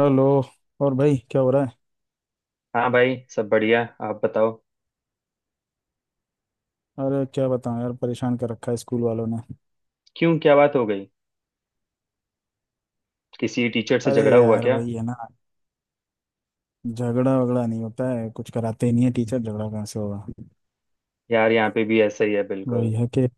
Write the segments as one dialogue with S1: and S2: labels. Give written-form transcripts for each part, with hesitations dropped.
S1: Hello. और भाई क्या हो रहा है?
S2: हाँ भाई, सब बढ़िया। आप बताओ।
S1: अरे क्या बताऊं यार, परेशान कर रखा है स्कूल वालों ने।
S2: क्यों, क्या बात हो गई? किसी टीचर से
S1: अरे
S2: झगड़ा हुआ
S1: यार
S2: क्या?
S1: वही है ना, झगड़ा वगड़ा नहीं होता है, कुछ कराते ही नहीं है टीचर, झगड़ा कहाँ से होगा।
S2: यार यहाँ पे भी ऐसा ही है
S1: वही
S2: बिल्कुल।
S1: है कि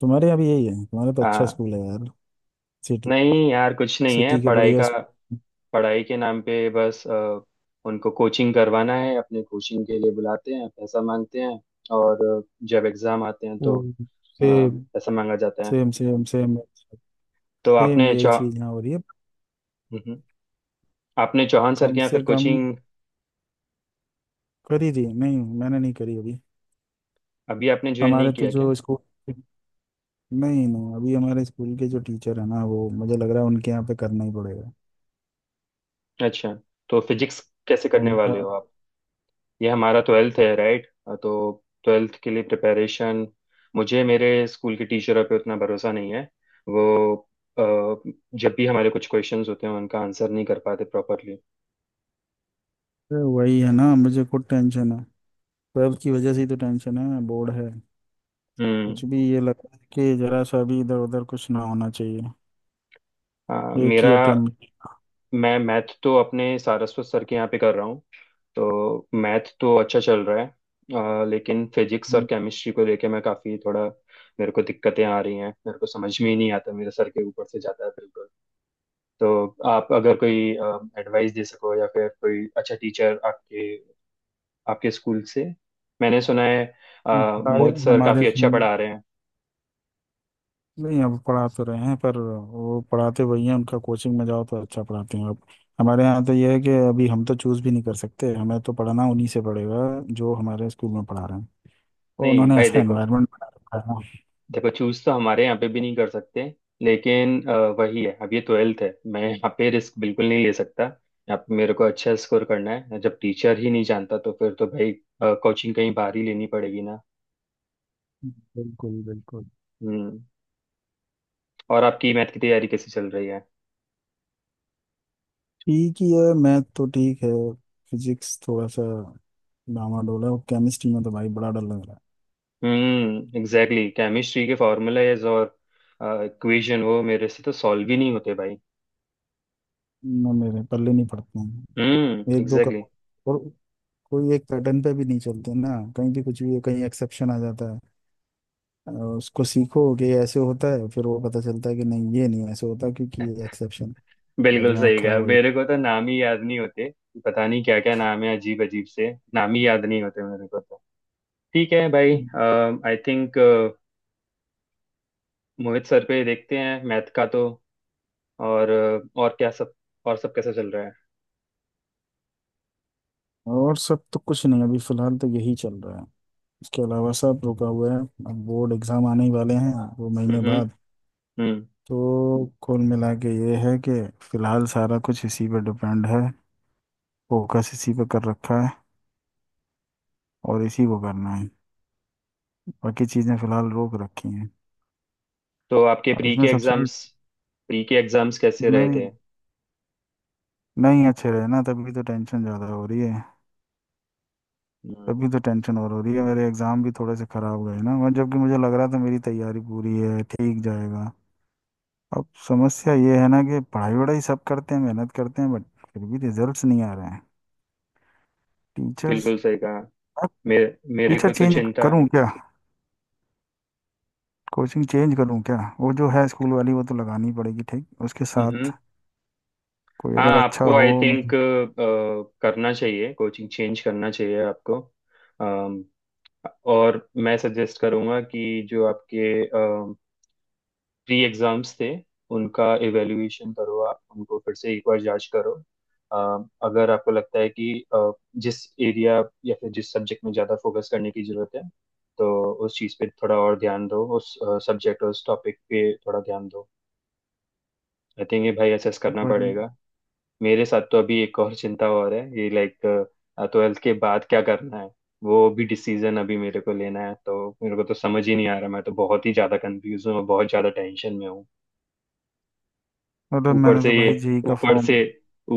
S1: तुम्हारे यहाँ भी यही है। तुम्हारा तो अच्छा
S2: हाँ।
S1: स्कूल है यार, सिटी।
S2: नहीं यार, कुछ नहीं है
S1: सिटी के
S2: पढ़ाई
S1: बढ़िया
S2: का। पढ़ाई के नाम पे बस उनको कोचिंग करवाना है, अपने कोचिंग के लिए बुलाते हैं, पैसा मांगते हैं। और जब एग्जाम आते हैं तो अ,
S1: स्कूल। सेम
S2: पैसा मांगा जाता है।
S1: Same same. सेम,
S2: तो
S1: सेम
S2: आपने
S1: यही
S2: चौ—
S1: चीज़ यहाँ हो रही है।
S2: हम्म, आपने चौहान सर
S1: कम
S2: के यहाँ
S1: से
S2: फिर
S1: कम
S2: कोचिंग?
S1: करी थी। नहीं मैंने नहीं करी अभी।
S2: अभी आपने ज्वाइन नहीं
S1: हमारे तो
S2: किया क्या?
S1: जो स्कूल, नहीं नहीं, अभी हमारे स्कूल के जो टीचर है ना, वो मुझे लग रहा है उनके यहाँ पे करना ही पड़ेगा
S2: अच्छा। तो फिजिक्स कैसे करने
S1: उनका।
S2: वाले हो आप? ये हमारा ट्वेल्थ है, राइट। तो ट्वेल्थ के लिए प्रिपरेशन, मुझे मेरे स्कूल के टीचरों पे उतना भरोसा नहीं है। वो अ, जब भी हमारे कुछ क्वेश्चंस होते हैं उनका आंसर नहीं कर पाते प्रॉपरली।
S1: अरे वही है ना, मुझे खुद टेंशन है। वेब की वजह से ही तो टेंशन है, बोर्ड है।
S2: हम्म।
S1: कुछ भी ये लगता है कि जरा सा भी इधर उधर कुछ ना होना चाहिए,
S2: हाँ,
S1: एक ही
S2: मेरा—
S1: अटेम्प्ट।
S2: मैं मैथ तो अपने सारस्वत सर के यहाँ पे कर रहा हूँ। तो मैथ तो अच्छा चल रहा है, लेकिन फिजिक्स और
S1: हम्म,
S2: केमिस्ट्री को लेके मैं काफ़ी थोड़ा— मेरे को दिक्कतें आ रही हैं। मेरे को समझ में ही नहीं आता, मेरे सर के ऊपर से जाता है। तो आप अगर कोई एडवाइस दे सको, या फिर कोई अच्छा टीचर आपके आपके स्कूल से मैंने सुना है, अ,
S1: सारे
S2: मोहित सर
S1: हमारे
S2: काफी
S1: से।
S2: अच्छा पढ़ा रहे हैं।
S1: नहीं अब पढ़ा तो रहे हैं, पर वो पढ़ाते वही हैं। उनका कोचिंग में जाओ तो अच्छा पढ़ाते हैं। अब हमारे यहाँ तो ये है कि अभी हम तो चूज भी नहीं कर सकते, हमें तो पढ़ना उन्हीं से पड़ेगा जो हमारे स्कूल में पढ़ा रहे हैं। और
S2: नहीं
S1: उन्होंने
S2: भाई,
S1: ऐसा
S2: देखो,
S1: एनवायरनमेंट बना रखा है ना।
S2: देखो चूज तो हमारे यहाँ पे भी नहीं कर सकते। लेकिन वही है, अब ये ट्वेल्थ है, मैं यहाँ पे रिस्क बिल्कुल नहीं ले सकता। यहाँ पे मेरे को अच्छा स्कोर करना है। जब टीचर ही नहीं जानता तो फिर तो भाई कोचिंग कहीं बाहर ही लेनी पड़ेगी ना।
S1: बिल्कुल बिल्कुल।
S2: हम्म। और आपकी मैथ की तैयारी कैसी चल रही है?
S1: ठीक ही है, मैथ तो ठीक है। फिजिक्स थोड़ा सा डामाडोल है, और केमिस्ट्री में तो भाई बड़ा डर लग रहा।
S2: हम्म, एग्जैक्टली। केमिस्ट्री के फार्मूलाज और इक्वेशन वो मेरे से तो सॉल्व ही नहीं होते भाई।
S1: है ना, मेरे पल्ले नहीं पड़ते हैं।
S2: हम्म,
S1: एक दो का,
S2: एग्जैक्टली।
S1: और कोई एक पैटर्न पे भी नहीं चलते ना, कहीं भी कुछ भी, कहीं एक्सेप्शन आ जाता है। और उसको सीखो कि ये ऐसे होता है, फिर वो पता चलता है कि नहीं, ये नहीं ऐसे होता, क्योंकि ये एक्सेप्शन।
S2: बिल्कुल
S1: दिमाग
S2: सही
S1: खराब
S2: कहा,
S1: हो जाता
S2: मेरे को तो नाम ही याद नहीं होते। पता नहीं क्या क्या नाम है, अजीब अजीब से नाम ही याद नहीं होते मेरे को तो। ठीक है भाई।
S1: है।
S2: आई थिंक मोहित सर पे देखते हैं, मैथ का तो। और क्या सब, और सब कैसा चल रहा है?
S1: और सब तो कुछ नहीं, अभी फिलहाल तो यही चल रहा है। इसके अलावा सब रुका हुआ है। अब बोर्ड एग्जाम आने ही वाले हैं, दो महीने
S2: हम्म।
S1: बाद।
S2: हम्म।
S1: तो कुल मिला के ये है कि फिलहाल सारा कुछ इसी पे डिपेंड है, फोकस इसी पे कर रखा है, और इसी को करना है। बाकी चीज़ें फिलहाल रोक रखी हैं।
S2: तो आपके
S1: अब इसमें सबसे,
S2: प्री के एग्जाम्स कैसे रहे
S1: नहीं।
S2: थे?
S1: नहीं अच्छे रहे ना, तभी तो टेंशन ज़्यादा हो रही है।
S2: हम्म,
S1: तभी तो टेंशन और हो रही है। मेरे एग्ज़ाम भी थोड़े से ख़राब गए ना, और जबकि मुझे लग रहा था मेरी तैयारी पूरी है, ठीक जाएगा। अब समस्या ये है ना कि पढ़ाई वढ़ाई सब करते हैं, मेहनत करते हैं, बट फिर भी रिजल्ट्स नहीं आ रहे हैं। टीचर्स,
S2: बिल्कुल सही कहा।
S1: अब
S2: मेरे मेरे
S1: टीचर
S2: को तो
S1: चेंज
S2: चिंता—
S1: करूं क्या? कोचिंग चेंज करूँ क्या? वो जो है स्कूल वाली, वो तो लगानी पड़ेगी ठीक उसके साथ
S2: हम्म।
S1: कोई
S2: हाँ,
S1: अगर अच्छा
S2: आपको
S1: हो।
S2: आई थिंक करना चाहिए, कोचिंग चेंज करना चाहिए आपको। अम, और मैं सजेस्ट करूँगा कि जो आपके प्री एग्जाम्स थे, उनका इवेल्युएशन करो, आप उनको फिर से एक बार जांच करो। अगर आपको लगता है कि जिस एरिया या फिर जिस सब्जेक्ट में ज़्यादा फोकस करने की ज़रूरत है, तो उस चीज़ पे थोड़ा और ध्यान दो, उस सब्जेक्ट और उस टॉपिक पे थोड़ा ध्यान दो। आई थिंक ये भाई असेस करना
S1: मतलब,
S2: पड़ेगा। मेरे साथ तो अभी एक और चिंता और है, ये लाइक ट्वेल्थ के बाद क्या करना है, वो भी डिसीजन अभी मेरे को लेना है। तो मेरे को तो समझ ही नहीं आ रहा। मैं तो बहुत ही ज्यादा कंफ्यूज हूँ, और बहुत ज्यादा टेंशन में हूँ।
S1: अरे
S2: ऊपर
S1: मैंने
S2: से
S1: तो
S2: ये
S1: भाई जी का
S2: ऊपर
S1: फॉर्म,
S2: से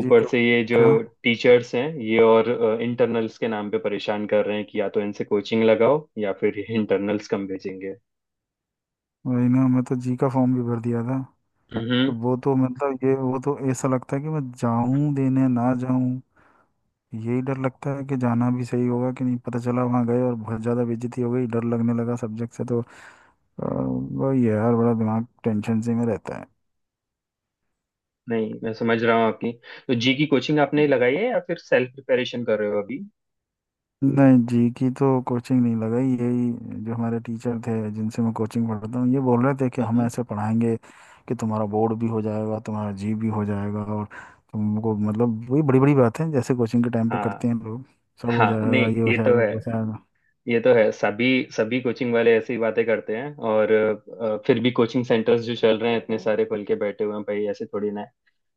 S1: जी का
S2: से ये जो
S1: क्या,
S2: टीचर्स हैं, ये और इंटरनल्स के नाम पे परेशान कर रहे हैं, कि या तो इनसे कोचिंग लगाओ या फिर ये इंटरनल्स कम भेजेंगे।
S1: वही ना, मैं तो जी का फॉर्म भी भर दिया था। तो
S2: हम्म।
S1: वो तो मतलब ये, वो तो ऐसा लगता है कि मैं जाऊं देने ना जाऊं। यही डर लगता है कि जाना भी सही होगा कि नहीं, पता चला वहां गए और बहुत ज्यादा बेइज्जती हो गई, डर लगने लगा सब्जेक्ट से तो। वही है यार, बड़ा दिमाग टेंशन से में रहता है।
S2: नहीं, मैं समझ रहा हूँ आपकी। तो जी की कोचिंग आपने लगाई है या फिर सेल्फ प्रिपरेशन कर रहे हो अभी?
S1: नहीं जी की तो कोचिंग नहीं लगाई, यही जो हमारे टीचर थे जिनसे मैं कोचिंग पढ़ता हूँ, ये बोल रहे थे कि हम
S2: हम्म।
S1: ऐसे पढ़ाएंगे कि तुम्हारा बोर्ड भी हो जाएगा, तुम्हारा जी भी हो जाएगा, और तुमको, मतलब वही बड़ी बड़ी बातें हैं जैसे कोचिंग के टाइम पे करते हैं
S2: हाँ,
S1: लोग। सब हो
S2: हाँ। नहीं,
S1: जाएगा, ये हो
S2: ये तो
S1: जाएगा, वो
S2: है
S1: हो जाएगा।
S2: ये तो है सभी सभी कोचिंग वाले ऐसी बातें करते हैं। और फिर भी कोचिंग सेंटर्स जो चल रहे हैं इतने सारे खुल के बैठे हुए हैं भाई, ऐसे थोड़ी ना है।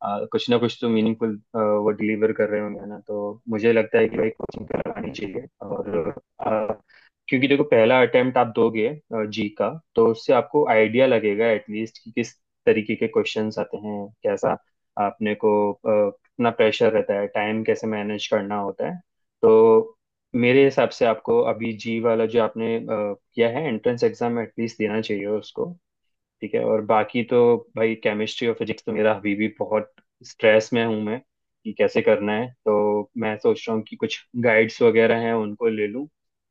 S2: कुछ ना कुछ तो मीनिंगफुल वो डिलीवर कर रहे होंगे ना। तो मुझे लगता है कि भाई कोचिंग करवानी चाहिए। और क्योंकि देखो, पहला अटेम्प्ट आप दोगे जी का, तो उससे आपको आइडिया लगेगा एटलीस्ट कि किस तरीके के क्वेश्चंस आते हैं, कैसा आपने को कितना प्रेशर रहता है, टाइम कैसे मैनेज करना होता है। तो मेरे हिसाब से आपको अभी जी वाला जो आपने किया है एंट्रेंस एग्जाम, एटलीस्ट देना चाहिए उसको। ठीक है। और बाकी तो भाई, केमिस्ट्री और फिजिक्स तो मेरा अभी भी बहुत स्ट्रेस में हूँ मैं, कि कैसे करना है। तो मैं सोच रहा हूँ कि कुछ गाइड्स वगैरह हैं उनको ले लूँ,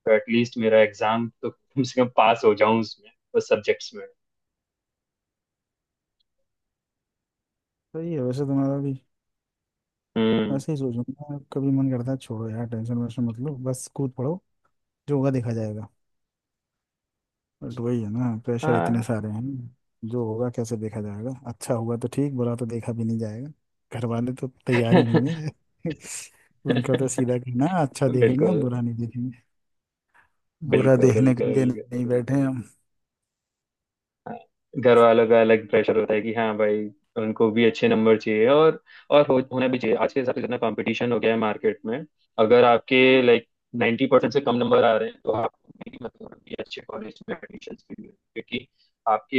S2: तो एटलीस्ट मेरा एग्जाम तो कम से कम पास हो जाऊँ, उसमें, उस सब्जेक्ट्स में।
S1: सही है, वैसे तुम्हारा भी,
S2: हम्म।
S1: वैसे ही सोचूंगा। कभी मन करता है छोड़ो यार टेंशन वेंशन, मतलब बस कूद पड़ो, जो होगा देखा जाएगा। बस वही है ना, प्रेशर इतने
S2: हाँ।
S1: सारे हैं। जो होगा कैसे देखा जाएगा, अच्छा हुआ तो ठीक, बुरा तो देखा भी नहीं जाएगा। घर वाले तो तैयार ही नहीं है उनका तो सीधा कहना है, अच्छा
S2: बिल्कुल,
S1: देखेंगे हम,
S2: बिल्कुल,
S1: बुरा नहीं देखेंगे। बुरा
S2: बिल्कुल,
S1: देखने के लिए
S2: बिल्कुल।
S1: नहीं बैठे हैं हम।
S2: घर वालों का अलग प्रेशर होता है कि हाँ भाई, उनको भी अच्छे नंबर चाहिए। और होना भी चाहिए, आज के हिसाब से जितना कंपटीशन हो गया है मार्केट में। अगर आपके लाइक 90% से कम नंबर आ रहे हैं तो आप भी मतलब कि अच्छे कॉलेज में एडमिशन के लिए— क्योंकि आपके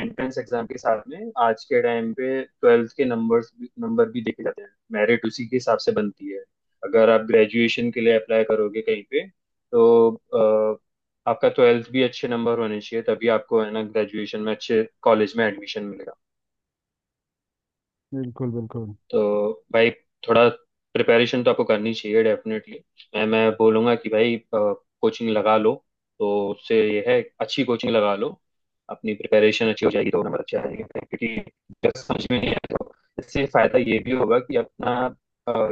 S2: एंट्रेंस एग्जाम के साथ में आज के टाइम पे ट्वेल्थ के नंबर्स, नंबर भी देखे जाते हैं, मेरिट उसी के हिसाब से बनती है। अगर आप ग्रेजुएशन के लिए अप्लाई करोगे कहीं पे, तो आपका ट्वेल्थ भी अच्छे नंबर होने चाहिए, तभी आपको है ना ग्रेजुएशन में अच्छे कॉलेज में एडमिशन मिलेगा।
S1: बिल्कुल बिल्कुल।
S2: तो भाई थोड़ा प्रिपरेशन तो आपको करनी चाहिए डेफिनेटली। मैं बोलूँगा कि भाई कोचिंग लगा लो। तो उससे ये है, अच्छी कोचिंग लगा लो, अपनी प्रिपरेशन अच्छी हो जाएगी तो नंबर अच्छे आएंगे, क्योंकि अगर समझ में नहीं आए तो— इससे फ़ायदा ये भी होगा कि अपना अ,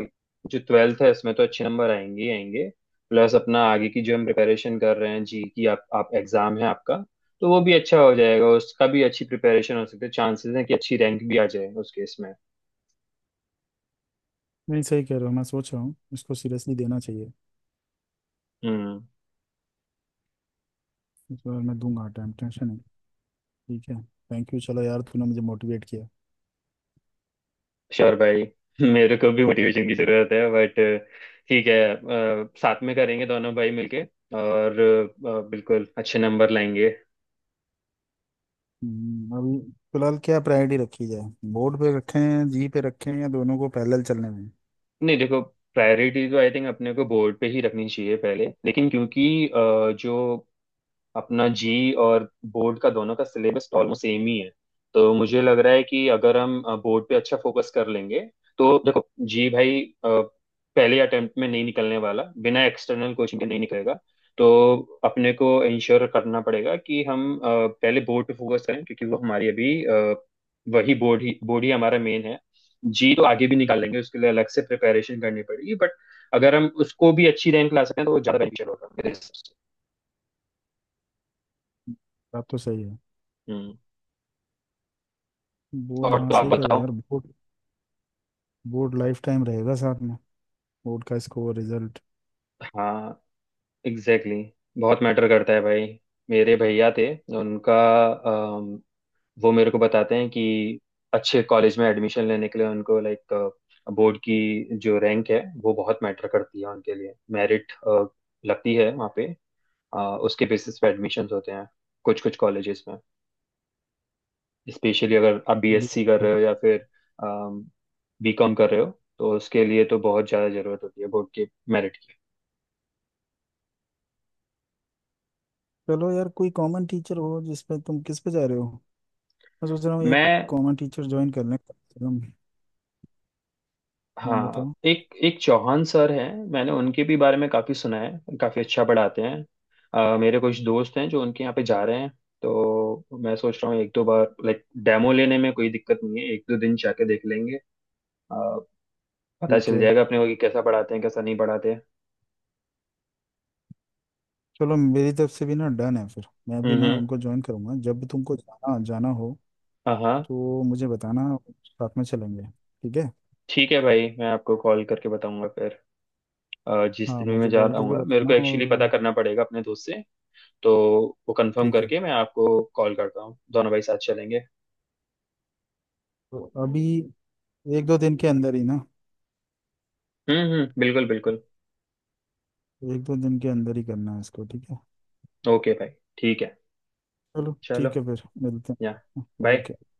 S2: जो ट्वेल्थ है इसमें तो अच्छे नंबर आएंगे ही आएंगे। प्लस अपना आगे की जो हम प्रिपरेशन कर रहे हैं जी की, आप एग्ज़ाम है आपका, तो वो भी अच्छा हो जाएगा, उसका भी अच्छी प्रिपरेशन हो सकती है। चांसेस हैं कि अच्छी रैंक भी आ जाए उस केस में।
S1: नहीं सही कह रहे हो, मैं सोच रहा हूँ इसको सीरियसली देना चाहिए।
S2: हम्म।
S1: इस बार मैं दूंगा टाइम, टेंशन है। ठीक है, थैंक यू। चलो यार, तूने मुझे मोटिवेट किया।
S2: श्योर भाई। मेरे को भी मोटिवेशन की जरूरत है, बट ठीक है। साथ में करेंगे दोनों भाई मिलके, और बिल्कुल अच्छे नंबर लाएंगे।
S1: अभी फिलहाल क्या प्रायोरिटी रखी जाए? बोर्ड पे रखें, जी पे रखें, या दोनों को पैरेलल चलने में?
S2: नहीं, देखो, प्रायोरिटी तो आई थिंक अपने को बोर्ड पे ही रखनी चाहिए पहले। लेकिन क्योंकि जो अपना जी और बोर्ड का दोनों का सिलेबस ऑलमोस्ट सेम ही है, तो मुझे लग रहा है कि अगर हम बोर्ड पे अच्छा फोकस कर लेंगे तो— देखो जी भाई, पहले अटेम्प्ट में नहीं निकलने वाला, बिना एक्सटर्नल कोचिंग के नहीं निकलेगा। तो अपने को इंश्योर करना पड़ेगा कि हम पहले बोर्ड पे फोकस करें, क्योंकि वो हमारी अभी वही बोर्ड ही हमारा मेन है। जी तो आगे भी निकाल लेंगे, उसके लिए अलग से प्रिपरेशन करनी पड़ेगी। बट अगर हम उसको भी अच्छी रैंक ला सकते हैं तो वो ज्यादा बेनिफिशियल होगा मेरे हिसाब से।
S1: बात तो सही है।
S2: हम्म।
S1: बोर्ड,
S2: और
S1: हाँ
S2: तो आप
S1: सही कह रहे हो
S2: बताओ।
S1: यार, बोर्ड। बोर्ड लाइफ टाइम रहेगा साथ में, बोर्ड का स्कोर रिजल्ट।
S2: हाँ, एग्जैक्टली, exactly. बहुत मैटर करता है भाई। मेरे भैया थे, उनका— अम, वो मेरे को बताते हैं कि अच्छे कॉलेज में एडमिशन लेने के लिए उनको, लाइक, बोर्ड की जो रैंक है वो बहुत मैटर करती है उनके लिए, मेरिट लगती है वहाँ पे। अ, उसके बेसिस पे एडमिशन्स होते हैं कुछ कुछ कॉलेजेस में। स्पेशली अगर आप बीएससी कर रहे
S1: बिल्कुल।
S2: हो या फिर बीकॉम कर रहे हो, तो उसके लिए तो बहुत ज़्यादा ज़रूरत होती है बोर्ड के मेरिट की।
S1: चलो यार कोई कॉमन टीचर हो जिसपे, तुम किस पे जा रहे हो? मैं सोच रहा हूँ एक
S2: मैं—
S1: कॉमन टीचर ज्वाइन कर लें कम से कम। हाँ
S2: हाँ,
S1: बताओ।
S2: एक एक चौहान सर हैं, मैंने उनके भी बारे में काफ़ी सुना है, काफ़ी अच्छा पढ़ाते हैं। मेरे कुछ दोस्त हैं जो उनके यहाँ पे जा रहे हैं। तो मैं सोच रहा हूँ एक दो बार लाइक डेमो लेने में कोई दिक्कत नहीं है, एक दो दिन जाके देख लेंगे। अ, पता
S1: ठीक
S2: चल
S1: है।
S2: जाएगा अपने को कि कैसा पढ़ाते हैं, कैसा नहीं पढ़ाते हैं।
S1: चलो मेरी तरफ से भी ना डन है, फिर मैं भी
S2: हम्म,
S1: ना
S2: हम्म।
S1: उनको ज्वाइन करूंगा। जब भी तुमको जाना जाना हो
S2: हाँ, हाँ।
S1: तो मुझे बताना, साथ में चलेंगे। ठीक है।
S2: ठीक है भाई, मैं आपको कॉल करके बताऊंगा फिर। जिस
S1: हाँ
S2: दिन भी मैं
S1: मुझे
S2: जा
S1: कॉल
S2: रहा
S1: करके
S2: हूँ, मेरे
S1: बताना।
S2: को एक्चुअली पता
S1: और
S2: करना पड़ेगा अपने दोस्त से। तो वो कंफर्म
S1: ठीक है।
S2: करके मैं आपको कॉल करता हूँ, दोनों भाई साथ चलेंगे।
S1: तो अभी एक दो दिन के अंदर ही ना,
S2: हम्म, हम्म, बिल्कुल, बिल्कुल।
S1: एक दो दिन के अंदर ही करना है इसको, ठीक है?
S2: ओके भाई। ठीक है।
S1: चलो
S2: चलो।
S1: ठीक है, फिर मिलते
S2: या।
S1: हैं।
S2: बाय।
S1: ओके।